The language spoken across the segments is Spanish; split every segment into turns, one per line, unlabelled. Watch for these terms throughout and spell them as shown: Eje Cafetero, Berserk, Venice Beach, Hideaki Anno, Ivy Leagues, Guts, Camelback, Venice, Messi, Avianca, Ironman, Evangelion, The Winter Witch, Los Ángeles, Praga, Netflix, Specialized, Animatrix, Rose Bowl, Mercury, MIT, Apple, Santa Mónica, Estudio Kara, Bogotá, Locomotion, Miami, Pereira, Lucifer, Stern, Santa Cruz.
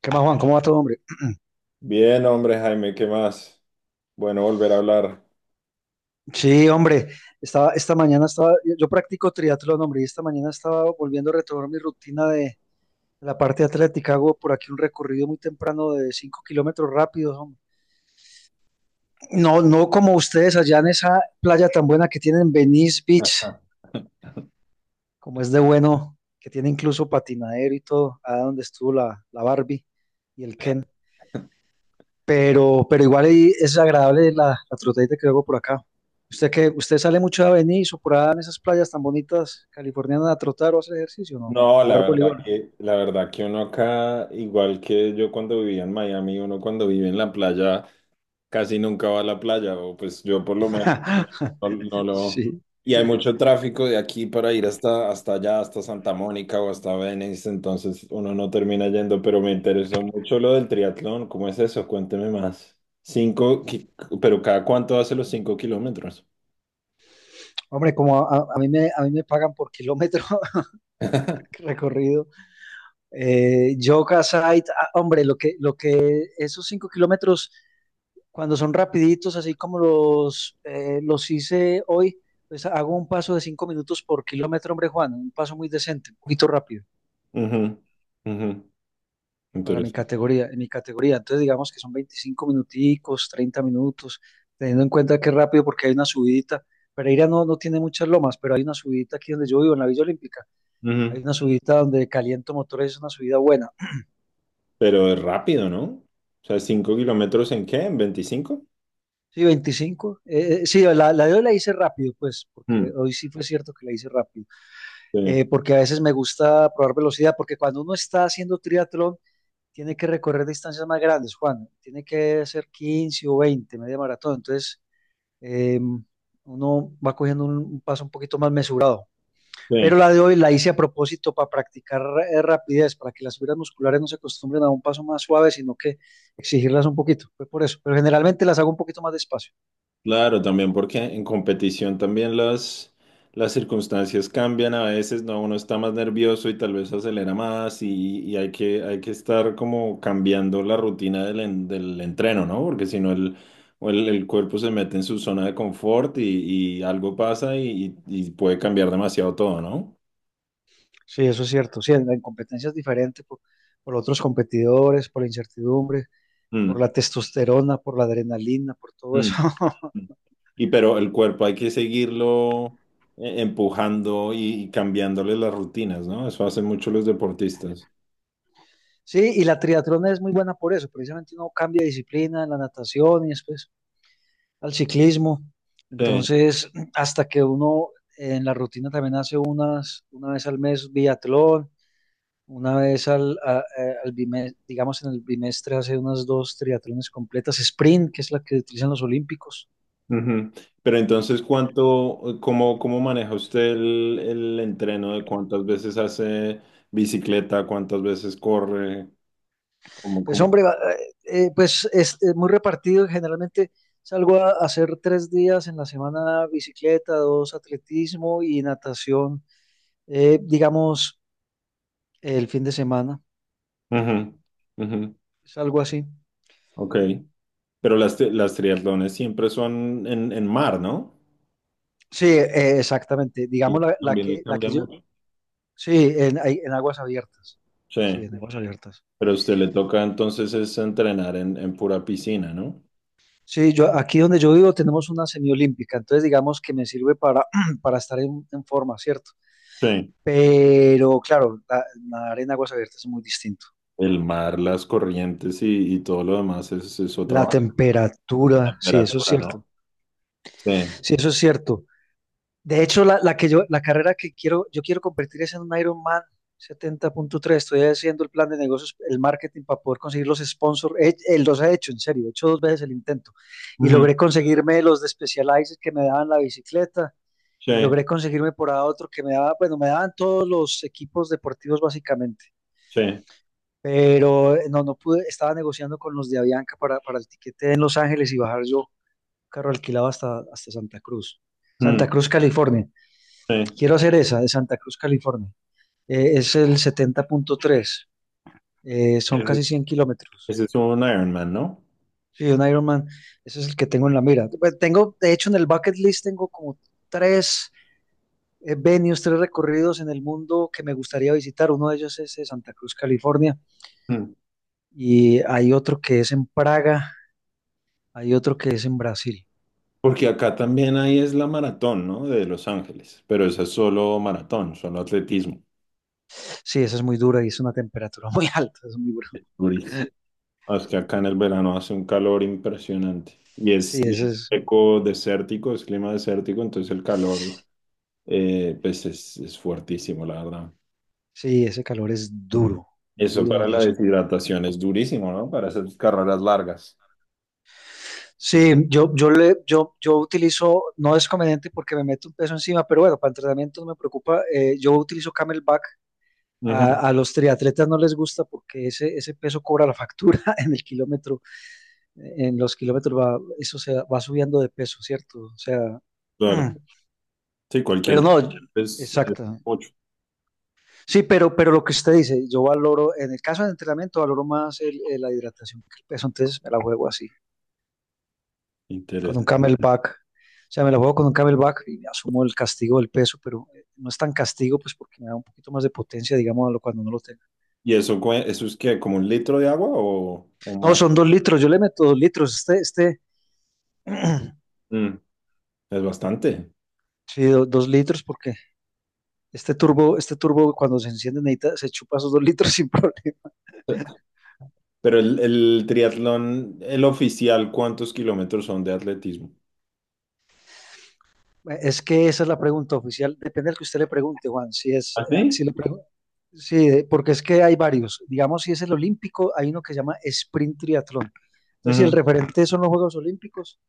¿Qué más, Juan? ¿Cómo va todo, hombre?
Bien, hombre, Jaime, ¿qué más? Bueno, volver a hablar.
Sí, hombre, estaba, esta mañana estaba, yo practico triatlón, hombre, y esta mañana estaba volviendo a retomar mi rutina de la parte atlética. Hago por aquí un recorrido muy temprano de 5 kilómetros rápidos, hombre. No, no como ustedes allá en esa playa tan buena que tienen, Venice Beach, como es de bueno, que tiene incluso patinadero y todo, allá donde estuvo la Barbie y el Ken. Pero igual ahí es agradable la trotadita que hago por acá. ¿Usted, que usted sale mucho a Venice o por allá en esas playas tan bonitas californianas a trotar o a hacer ejercicio, no? O
No,
a
la
jugar
verdad
voleibol.
que, la verdad que uno acá, igual que yo cuando vivía en Miami, uno cuando vive en la playa casi nunca va a la playa, o pues yo por lo menos no, no- no lo...
Sí.
Y hay mucho tráfico de aquí para ir hasta allá, hasta Santa Mónica o hasta Venice, entonces uno no termina yendo, pero me interesó mucho lo del triatlón. ¿Cómo es eso? Cuénteme más. Cinco, qui- pero ¿cada cuánto hace los 5 kilómetros?
Hombre, como a mí me pagan por kilómetro recorrido. Yoga site, ah, hombre, lo que esos cinco kilómetros, cuando son rapiditos, así como los hice hoy, pues hago un paso de 5 minutos por kilómetro, hombre, Juan, un paso muy decente, un poquito rápido
Ujú, ujú.
para mi
Interesante.
categoría, en mi categoría. Entonces digamos que son 25 minuticos, 30 minutos, teniendo en cuenta que es rápido porque hay una subidita. Pereira no tiene muchas lomas, pero hay una subidita aquí donde yo vivo, en la Villa Olímpica. Hay
Ujú.
una subidita donde caliento motores, es una subida buena.
Pero es rápido, ¿no? O sea, ¿5 kilómetros en qué? ¿En 25?
Sí, 25, sí, la de hoy la hice rápido, pues, porque
Mm,
hoy sí fue cierto que la hice rápido.
sí,
Porque a veces me gusta probar velocidad, porque cuando uno está haciendo triatlón, tiene que recorrer distancias más grandes, Juan. Tiene que hacer 15 o 20, media maratón. Entonces, eh, uno va cogiendo un, paso un poquito más mesurado.
sí.
Pero la de hoy la hice a propósito para practicar rapidez, para que las fibras musculares no se acostumbren a un paso más suave, sino que exigirlas un poquito. Fue por eso. Pero generalmente las hago un poquito más despacio.
Claro, también porque en competición también las circunstancias cambian a veces, ¿no? Uno está más nervioso y tal vez acelera más, y hay que estar como cambiando la rutina del entreno, ¿no? Porque si no el, o el cuerpo se mete en su zona de confort y algo pasa y puede cambiar demasiado todo, ¿no?
Sí, eso es cierto. Sí, en competencias diferentes, por otros competidores, por la incertidumbre, por la testosterona, por la adrenalina, por todo eso.
Mm. Y pero el cuerpo hay que seguirlo empujando y cambiándole las rutinas, ¿no? Eso hacen mucho los deportistas.
Sí, y la triatlón es muy buena por eso. Precisamente uno cambia de disciplina en la natación y después al ciclismo.
Sí.
Entonces, hasta que uno en la rutina también hace unas, una vez al mes biatlón, una vez al, a- al bimestre, digamos, en el bimestre hace unas dos triatlones completas, sprint, que es la que utilizan los olímpicos.
Ujú. Pero entonces, ¿cómo maneja usted el entreno de cuántas veces hace bicicleta, cuántas veces corre? ¿Cómo,
Pues
cómo?
hombre, pues es muy repartido, generalmente salgo a hacer tres días en la semana bicicleta, dos atletismo y natación, digamos el fin de semana,
Ujú, ujú.
es algo así.
Ok. Pero las triatlones siempre son en, mar, ¿no?
Sí, exactamente.
Y
Digamos
eso también le
la
cambia
que yo.
mucho.
Sí, en aguas abiertas. Sí,
Sí.
en aguas abiertas.
Pero a usted le toca entonces es entrenar en pura piscina, ¿no?
Sí, yo aquí donde yo vivo tenemos una semiolímpica, entonces digamos que me sirve para, para estar en forma, ¿cierto?
Sí.
Pero claro, nadar en aguas abiertas es muy distinto.
El mar, las corrientes y todo lo demás es otra
La
vaina,
temperatura, sí, eso es
temperatura,
cierto.
¿no? Sí.
Sí, eso es cierto. De hecho, la carrera que quiero, yo quiero convertir es en un Ironman 70.3. Estoy haciendo el plan de negocios, el marketing para poder conseguir los sponsors. Los he hecho, en serio, he hecho dos veces el intento. Y
Ujú.
logré conseguirme los de Specialized que me daban la bicicleta.
Sí,
Y logré conseguirme por ahí otro que me daba, bueno, me daban todos los equipos deportivos básicamente.
sí,
Pero no, no pude, estaba negociando con los de Avianca para, el tiquete en Los Ángeles, y bajar yo carro alquilado hasta, hasta Santa Cruz. Santa
mm,
Cruz, California.
sí.
Quiero hacer esa de Santa Cruz, California. Es el 70.3. Son
Ese
casi
es
100 kilómetros.
ese es un Ironman, ¿no?
Sí, un Ironman, ese es el que tengo en la mira. Pues tengo, de hecho, en el bucket list tengo como tres venues, tres recorridos en el mundo que me gustaría visitar. Uno de ellos es, Santa Cruz, California,
Mm.
y hay otro que es en Praga, hay otro que es en Brasil.
Porque acá también ahí es la maratón, ¿no? De Los Ángeles, pero esa es solo maratón, solo atletismo.
Sí, esa es muy dura y es una temperatura muy alta, es muy duro.
Durísimo. Ah, es que acá en el verano hace un calor impresionante. Y
Sí,
es, y
ese
es
es,
seco, desértico, es clima desértico, entonces el calor pues es fuertísimo, la verdad.
sí, ese calor es duro,
Eso
duro de
para la
los.
deshidratación es durísimo, ¿no? Para esas carreras largas.
Sí, yo utilizo, no es conveniente porque me meto un peso encima, pero bueno, para entrenamiento no me preocupa. Yo utilizo Camelback.
Ujú,
A los triatletas no les gusta porque ese peso cobra la factura en el kilómetro, en los kilómetros va, eso se va subiendo de peso, ¿cierto? O sea, mm,
claro, sí,
pero
cualquier.
no,
Es
exacto.
mucho.
Sí, pero lo que usted dice, yo valoro, en el caso del entrenamiento, valoro más la hidratación que el peso, entonces me la juego así, con un
Interesante.
camelback. O sea, me la juego con un camelback y asumo el castigo del peso, pero no es tan castigo, pues porque me da un poquito más de potencia, digamos, a lo cuando no lo tengo.
¿Y eso, eso es que como un litro de agua o
No,
más?
son dos litros, yo le meto dos litros.
Mm, es bastante.
Sí, dos litros, porque este turbo cuando se enciende necesita, se chupa esos dos litros sin problema.
Pero el triatlón, el oficial, ¿cuántos kilómetros son de atletismo?
Es que esa es la pregunta oficial, depende del que usted le pregunte, Juan. Si es, ah,
¿Así?
si le
¿Sí?
pregun- sí, porque es que hay varios. Digamos, si es el olímpico, hay uno que se llama sprint triatlón. Entonces, si el
Ujú,
referente son los Juegos Olímpicos,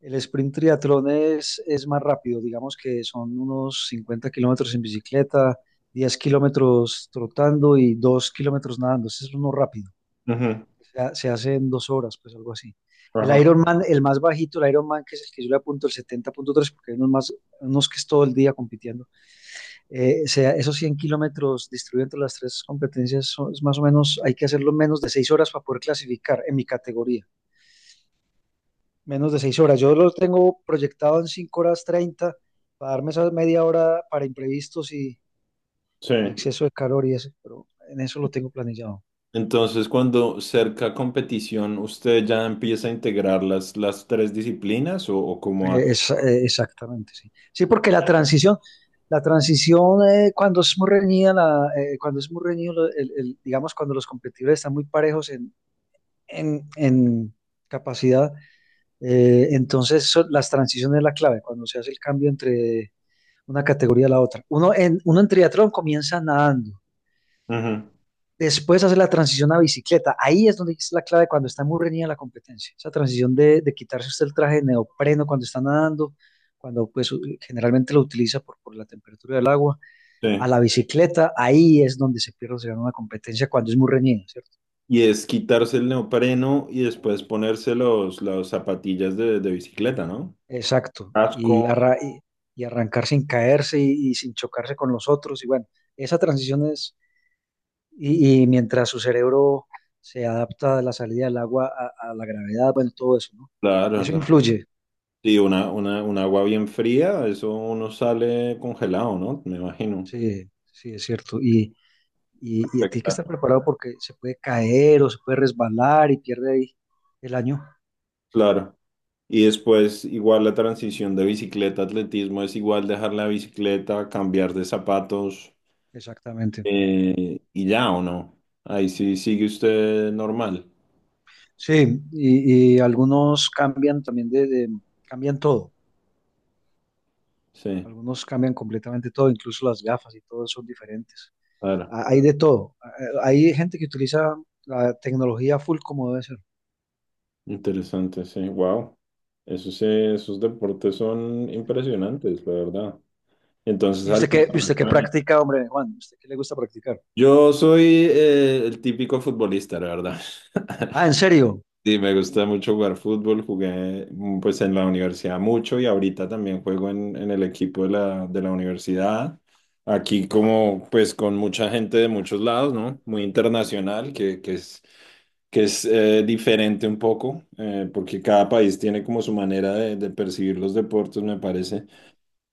el sprint triatlón es más rápido, digamos que son unos 50 kilómetros en bicicleta, 10 kilómetros trotando y 2 kilómetros nadando. Ese es uno rápido.
ujú,
Se hace en dos horas, pues algo así. El
ajá.
Ironman, el más bajito, el Ironman, que es el que yo le apunto el 70.3, porque hay unos más, unos que es todo el día compitiendo. Esos 100 kilómetros distribuidos entre las tres competencias, es más o menos, hay que hacerlo en menos de 6 horas para poder clasificar en mi categoría, menos de 6 horas. Yo lo tengo proyectado en 5 horas 30, para darme esa media hora para imprevistos
Sí.
y exceso de calor y eso, pero en eso lo tengo planillado.
Entonces, cuando cerca competición, ¿usted ya empieza a integrar las tres disciplinas o cómo hace?
Exactamente, sí. Sí, porque la transición, la transición, cuando es muy reñido, digamos, cuando los competidores están muy parejos en, en capacidad, entonces las transiciones es la clave, cuando se hace el cambio entre una categoría a la otra. Uno en triatlón comienza nadando,
Ujú,
después hace la transición a bicicleta. Ahí es donde es la clave cuando está muy reñida la competencia. Esa transición de, quitarse usted el traje de neopreno cuando está nadando, cuando pues generalmente lo utiliza por, la temperatura del agua, a
sí.
la bicicleta, ahí es donde se pierde, se gana una competencia cuando es muy reñida, ¿cierto?
Y es quitarse el neopreno y después ponerse las zapatillas de bicicleta, ¿no?
Exacto.
Casco,
Y arrancar sin caerse y sin chocarse con los otros. Y bueno, esa transición es, y mientras su cerebro se adapta a la salida del agua, a la gravedad, bueno, todo eso, ¿no?
claro,
Eso
claro.
influye.
Sí, un agua bien fría, eso uno sale congelado, ¿no? Me imagino.
Sí, sí, es cierto. Y tiene que
Afecta.
estar preparado porque se puede caer o se puede resbalar y pierde ahí el año.
Claro. Y después, igual la transición de bicicleta, atletismo, es igual dejar la bicicleta, cambiar de zapatos.
Exactamente.
Y ya o no. Ahí sí sigue usted normal.
Sí, y algunos cambian también cambian todo.
Sí,
Algunos cambian completamente todo, incluso las gafas y todo son diferentes.
claro.
Ah, hay de todo. Ah, hay gente que utiliza la tecnología full como debe ser.
Interesante, sí. Wow. Esos deportes son impresionantes, la verdad. Entonces,
Y usted qué practica, hombre, Juan? ¿Usted qué le gusta practicar?
yo soy el típico futbolista, la verdad.
Ah, ¿en serio?
Sí, me gusta mucho jugar fútbol, jugué, pues en la universidad mucho y ahorita también juego en, el equipo de la universidad. Aquí como pues con mucha gente de muchos lados, ¿no? Muy internacional, que es diferente un poco, porque cada país tiene como su manera de percibir los deportes, me parece.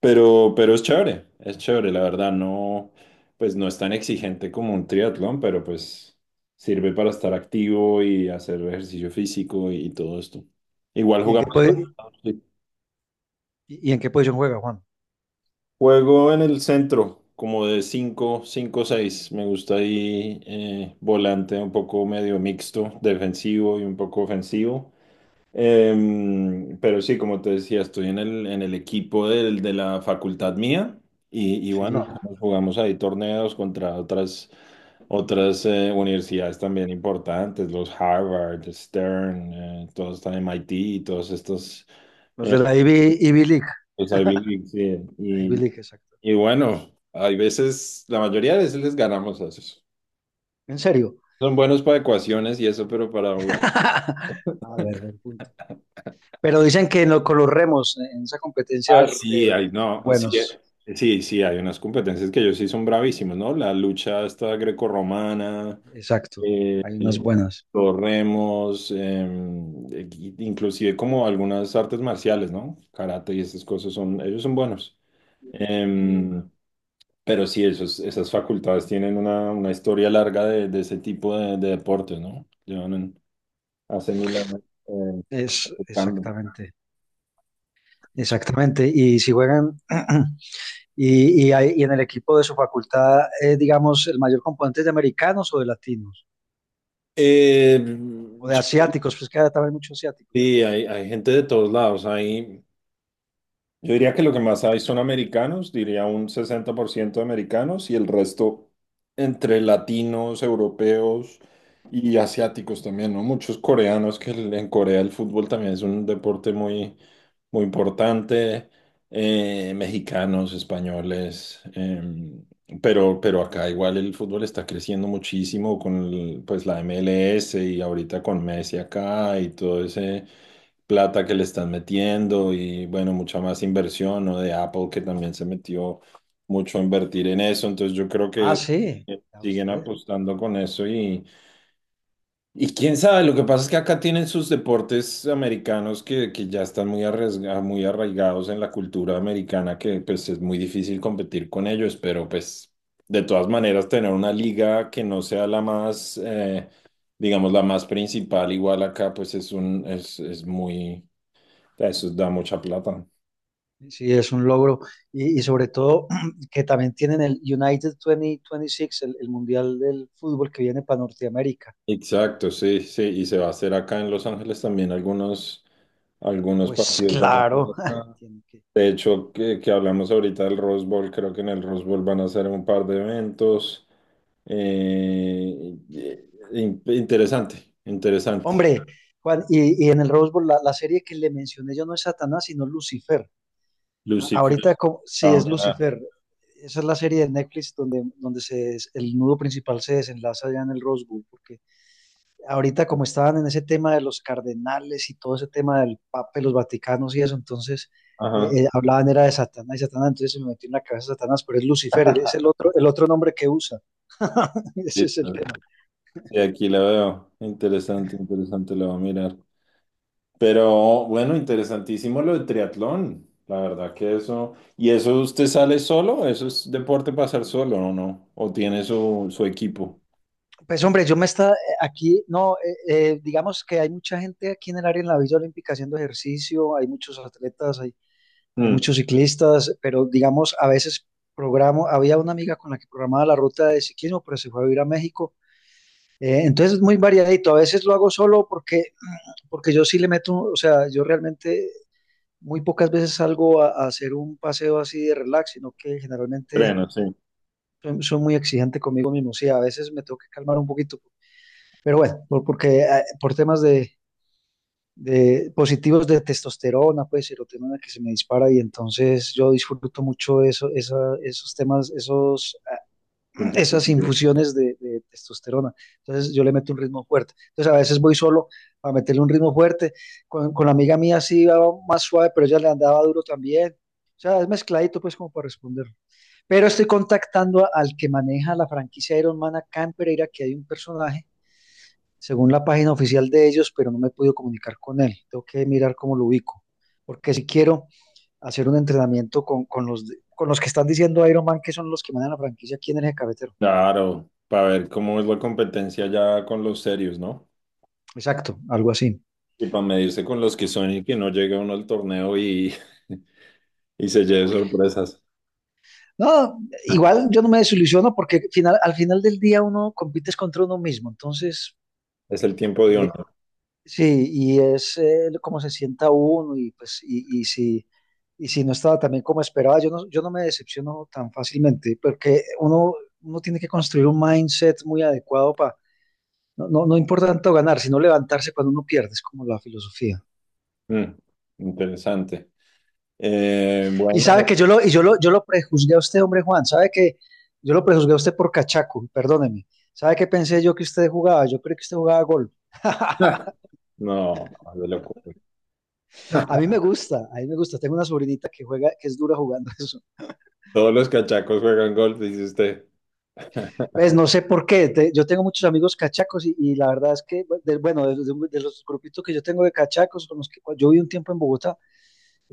Pero es chévere, la verdad. No, pues no es tan exigente como un triatlón, pero pues sirve para estar activo y hacer ejercicio físico y todo esto. Igual
¿Y en qué,
jugamos. Sí.
y, en qué posición juega, Juan?
Juego en el centro, como de cinco seis. Me gusta ahí volante un poco medio mixto, defensivo y un poco ofensivo. Pero sí, como te decía, estoy en el, equipo de la facultad mía y bueno,
Sí,
nos jugamos ahí torneos contra otras universidades también importantes, los Harvard, Stern, todos están MIT y todos estos,
los
eh,
de la Ivy, Ivy League.
los Ivy Leagues, sí.
Ivy
Y,
League, exacto.
y bueno, hay veces, la mayoría de veces les ganamos a esos.
¿En serio?
Son buenos para ecuaciones y eso, pero para jugar.
Ah, bueno, buen punto. Pero dicen que no, con los remos, en esa competencia,
Ah, sí,
son
no, sí,
buenos.
sí, sí, hay unas competencias que ellos sí son bravísimos, ¿no? La lucha esta grecorromana,
Exacto. Hay unas buenas.
los remos, inclusive como algunas artes marciales, ¿no? Karate y esas cosas ellos son buenos. Em, pero sí, esas facultades tienen una historia larga de ese tipo de deportes, ¿no? Llevan hace mil años eh,
Es
practicando.
exactamente. Exactamente, y si juegan, y en el equipo de su facultad, digamos, el mayor componente es de americanos o de latinos,
Eh,
o de
yo-
asiáticos, pues que hay también muchos asiáticos, ¿cierto?
sí, hay gente de todos lados, hay... Yo diría que lo que más hay son americanos, diría un 60% de americanos y el resto entre latinos, europeos y asiáticos también, ¿no? Muchos coreanos, que en Corea el fútbol también es un deporte muy, muy importante, mexicanos, españoles, pero acá igual el fútbol está creciendo muchísimo con pues la MLS y ahorita con Messi acá y todo ese plata que le están metiendo y bueno, mucha más inversión, ¿no? De Apple que también se metió mucho a invertir en eso, entonces yo creo
Ah,
que
sí, ya
siguen
usted.
apostando con eso y quién sabe. Lo que pasa es que acá tienen sus deportes americanos que ya están muy arraigados en la cultura americana, que pues es muy difícil competir con ellos, pero pues de todas maneras tener una liga que no sea la más... digamos, la más principal, igual acá, pues es es muy, eso da mucha plata.
Sí, es un logro. Y sobre todo que también tienen el United 2026, el Mundial del Fútbol que viene para Norteamérica.
Exacto, sí, sí. Y se va a hacer acá en Los Ángeles también algunos,
Pues
partidos van a hacer
claro,
acá.
tiene que-
De hecho, que hablamos ahorita del Rose Bowl, creo que en el Rose Bowl van a hacer un par de eventos. Interesante, interesante.
hombre, Juan, y en el Rose Bowl, la serie que le mencioné yo no es Satanás, sino Lucifer.
Lucifer,
Sí,
ah,
es
mira,
Lucifer. Esa es la serie de Netflix donde, el nudo principal se desenlaza ya en el Rose Bowl, porque ahorita como estaban en ese tema de los cardenales y todo ese tema del Papa, y los Vaticanos y eso, entonces
ajá.
hablaban era de Satanás y Satanás, entonces se me metió en la cabeza Satanás, pero es Lucifer, es el otro nombre que usa. Ese es el tema.
Sí, aquí la veo. Interesante, interesante, la voy a mirar. Pero bueno, interesantísimo lo del triatlón. La verdad que eso. ¿Y eso usted sale solo? ¿Eso es deporte para hacer solo o no? ¿O tiene su equipo?
Pues hombre, yo me está aquí, no, digamos que hay mucha gente aquí en el área en la Villa Olímpica haciendo ejercicio, hay muchos atletas, hay
Mm,
muchos ciclistas, pero digamos a veces programo, había una amiga con la que programaba la ruta de ciclismo, pero se fue a vivir a México. Entonces es muy variadito. A veces lo hago solo porque, porque yo sí le meto, o sea, yo realmente muy pocas veces salgo a hacer un paseo así de relax, sino que generalmente
Entreno, sí.
muy exigente conmigo mismo. Sí, a veces me tengo que calmar un poquito. Pero bueno, porque por temas de positivos de testosterona, pues serotonina que se me dispara y entonces yo disfruto mucho eso, esa, esos temas, esos esas
Competitivo.
infusiones de, testosterona. Entonces yo le meto un ritmo fuerte. Entonces a veces voy solo a meterle un ritmo fuerte. Con la amiga mía sí iba más suave, pero ella le andaba duro también. O sea, es mezcladito pues como para responder. Pero estoy contactando a, al que maneja la franquicia Ironman acá en Pereira, que hay un personaje, según la página oficial de ellos, pero no me he podido comunicar con él. Tengo que mirar cómo lo ubico. Porque si quiero hacer un entrenamiento con, con los que están diciendo Ironman, que son los que manejan la franquicia aquí en el Eje Cafetero.
Claro, para ver cómo es la competencia ya con los serios, ¿no?
Exacto, algo así.
Y para medirse con los que son y que no llegue uno al torneo y, y se lleve sorpresas.
No, igual yo no me desilusiono porque al final del día uno compites contra uno mismo, entonces
Es el tiempo de
eh,
uno.
sí, y es cómo se sienta uno y pues y si no estaba también como esperaba, yo no me decepciono tan fácilmente porque uno tiene que construir un mindset muy adecuado para no, no, no importa tanto ganar, sino levantarse cuando uno pierde, es como la filosofía.
Mm, Interesante.
Y sabe
Bueno,
que yo lo, y yo lo prejuzgué a usted, hombre Juan, sabe que yo lo prejuzgué a usted por cachaco, perdóneme. ¿Sabe qué pensé yo que usted jugaba? Yo creo que usted jugaba golf.
no, no, de locura.
A mí me gusta, a mí me gusta. Tengo una sobrinita que juega, que es dura jugando eso.
Todos los cachacos juegan golf, dice usted.
Pues no sé por qué. Yo tengo muchos amigos cachacos y la verdad es que, bueno, de los grupitos que yo tengo de cachacos, con los que yo viví un tiempo en Bogotá,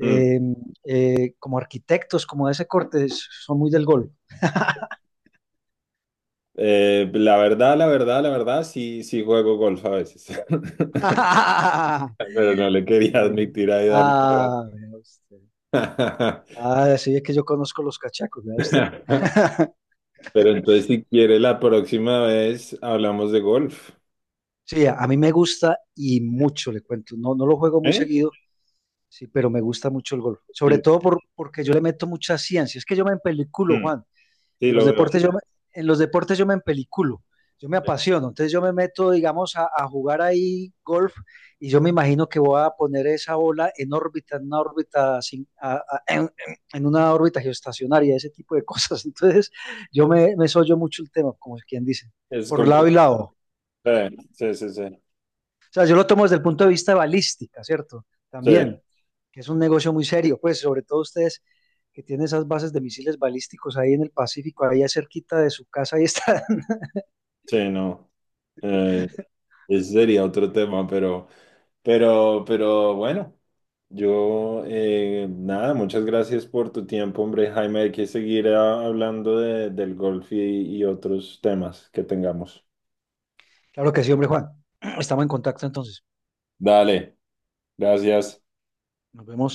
Mm.
como arquitectos, como de ese corte, son muy del golf.
La verdad, sí, sí juego golf a veces.
Ah,
Pero no le quería
eh,
admitir ahí darle la
ah, vea usted.
bata.
Ah, sí, es que yo conozco los cachacos, vea usted.
Pero entonces, si quiere, la próxima vez hablamos de golf.
Sí, a mí me gusta y mucho, le cuento. No, no lo juego muy
¿Eh?
seguido, sí, pero me gusta mucho el golf. Sobre
Sí,
todo porque yo le meto mucha ciencia. Es que yo me empeliculo,
mm,
Juan.
sí,
En los
lo veo.
deportes yo me, en los deportes yo me empeliculo, yo me apasiono, entonces yo me meto, digamos, a jugar ahí golf y yo me imagino que voy a poner esa bola en órbita, en una órbita, en una órbita geoestacionaria, ese tipo de cosas. Entonces me sollo mucho el tema, como quien dice,
Es
por lado y
competitivo.
lado.
Sí, sí, sí.
O sea, yo lo tomo desde el punto de vista balística, ¿cierto?
Sí,
También, que es un negocio muy serio, pues sobre todo ustedes que tienen esas bases de misiles balísticos ahí en el Pacífico, ahí cerquita de su casa, ahí está.
sí, no. Eh, Ese sería otro tema, pero. Pero bueno, yo nada, muchas gracias por tu tiempo, hombre, Jaime. Hay que seguir hablando del golf y otros temas que tengamos.
Claro que sí, hombre Juan. Estamos en contacto entonces.
Dale, gracias.
Nos vemos.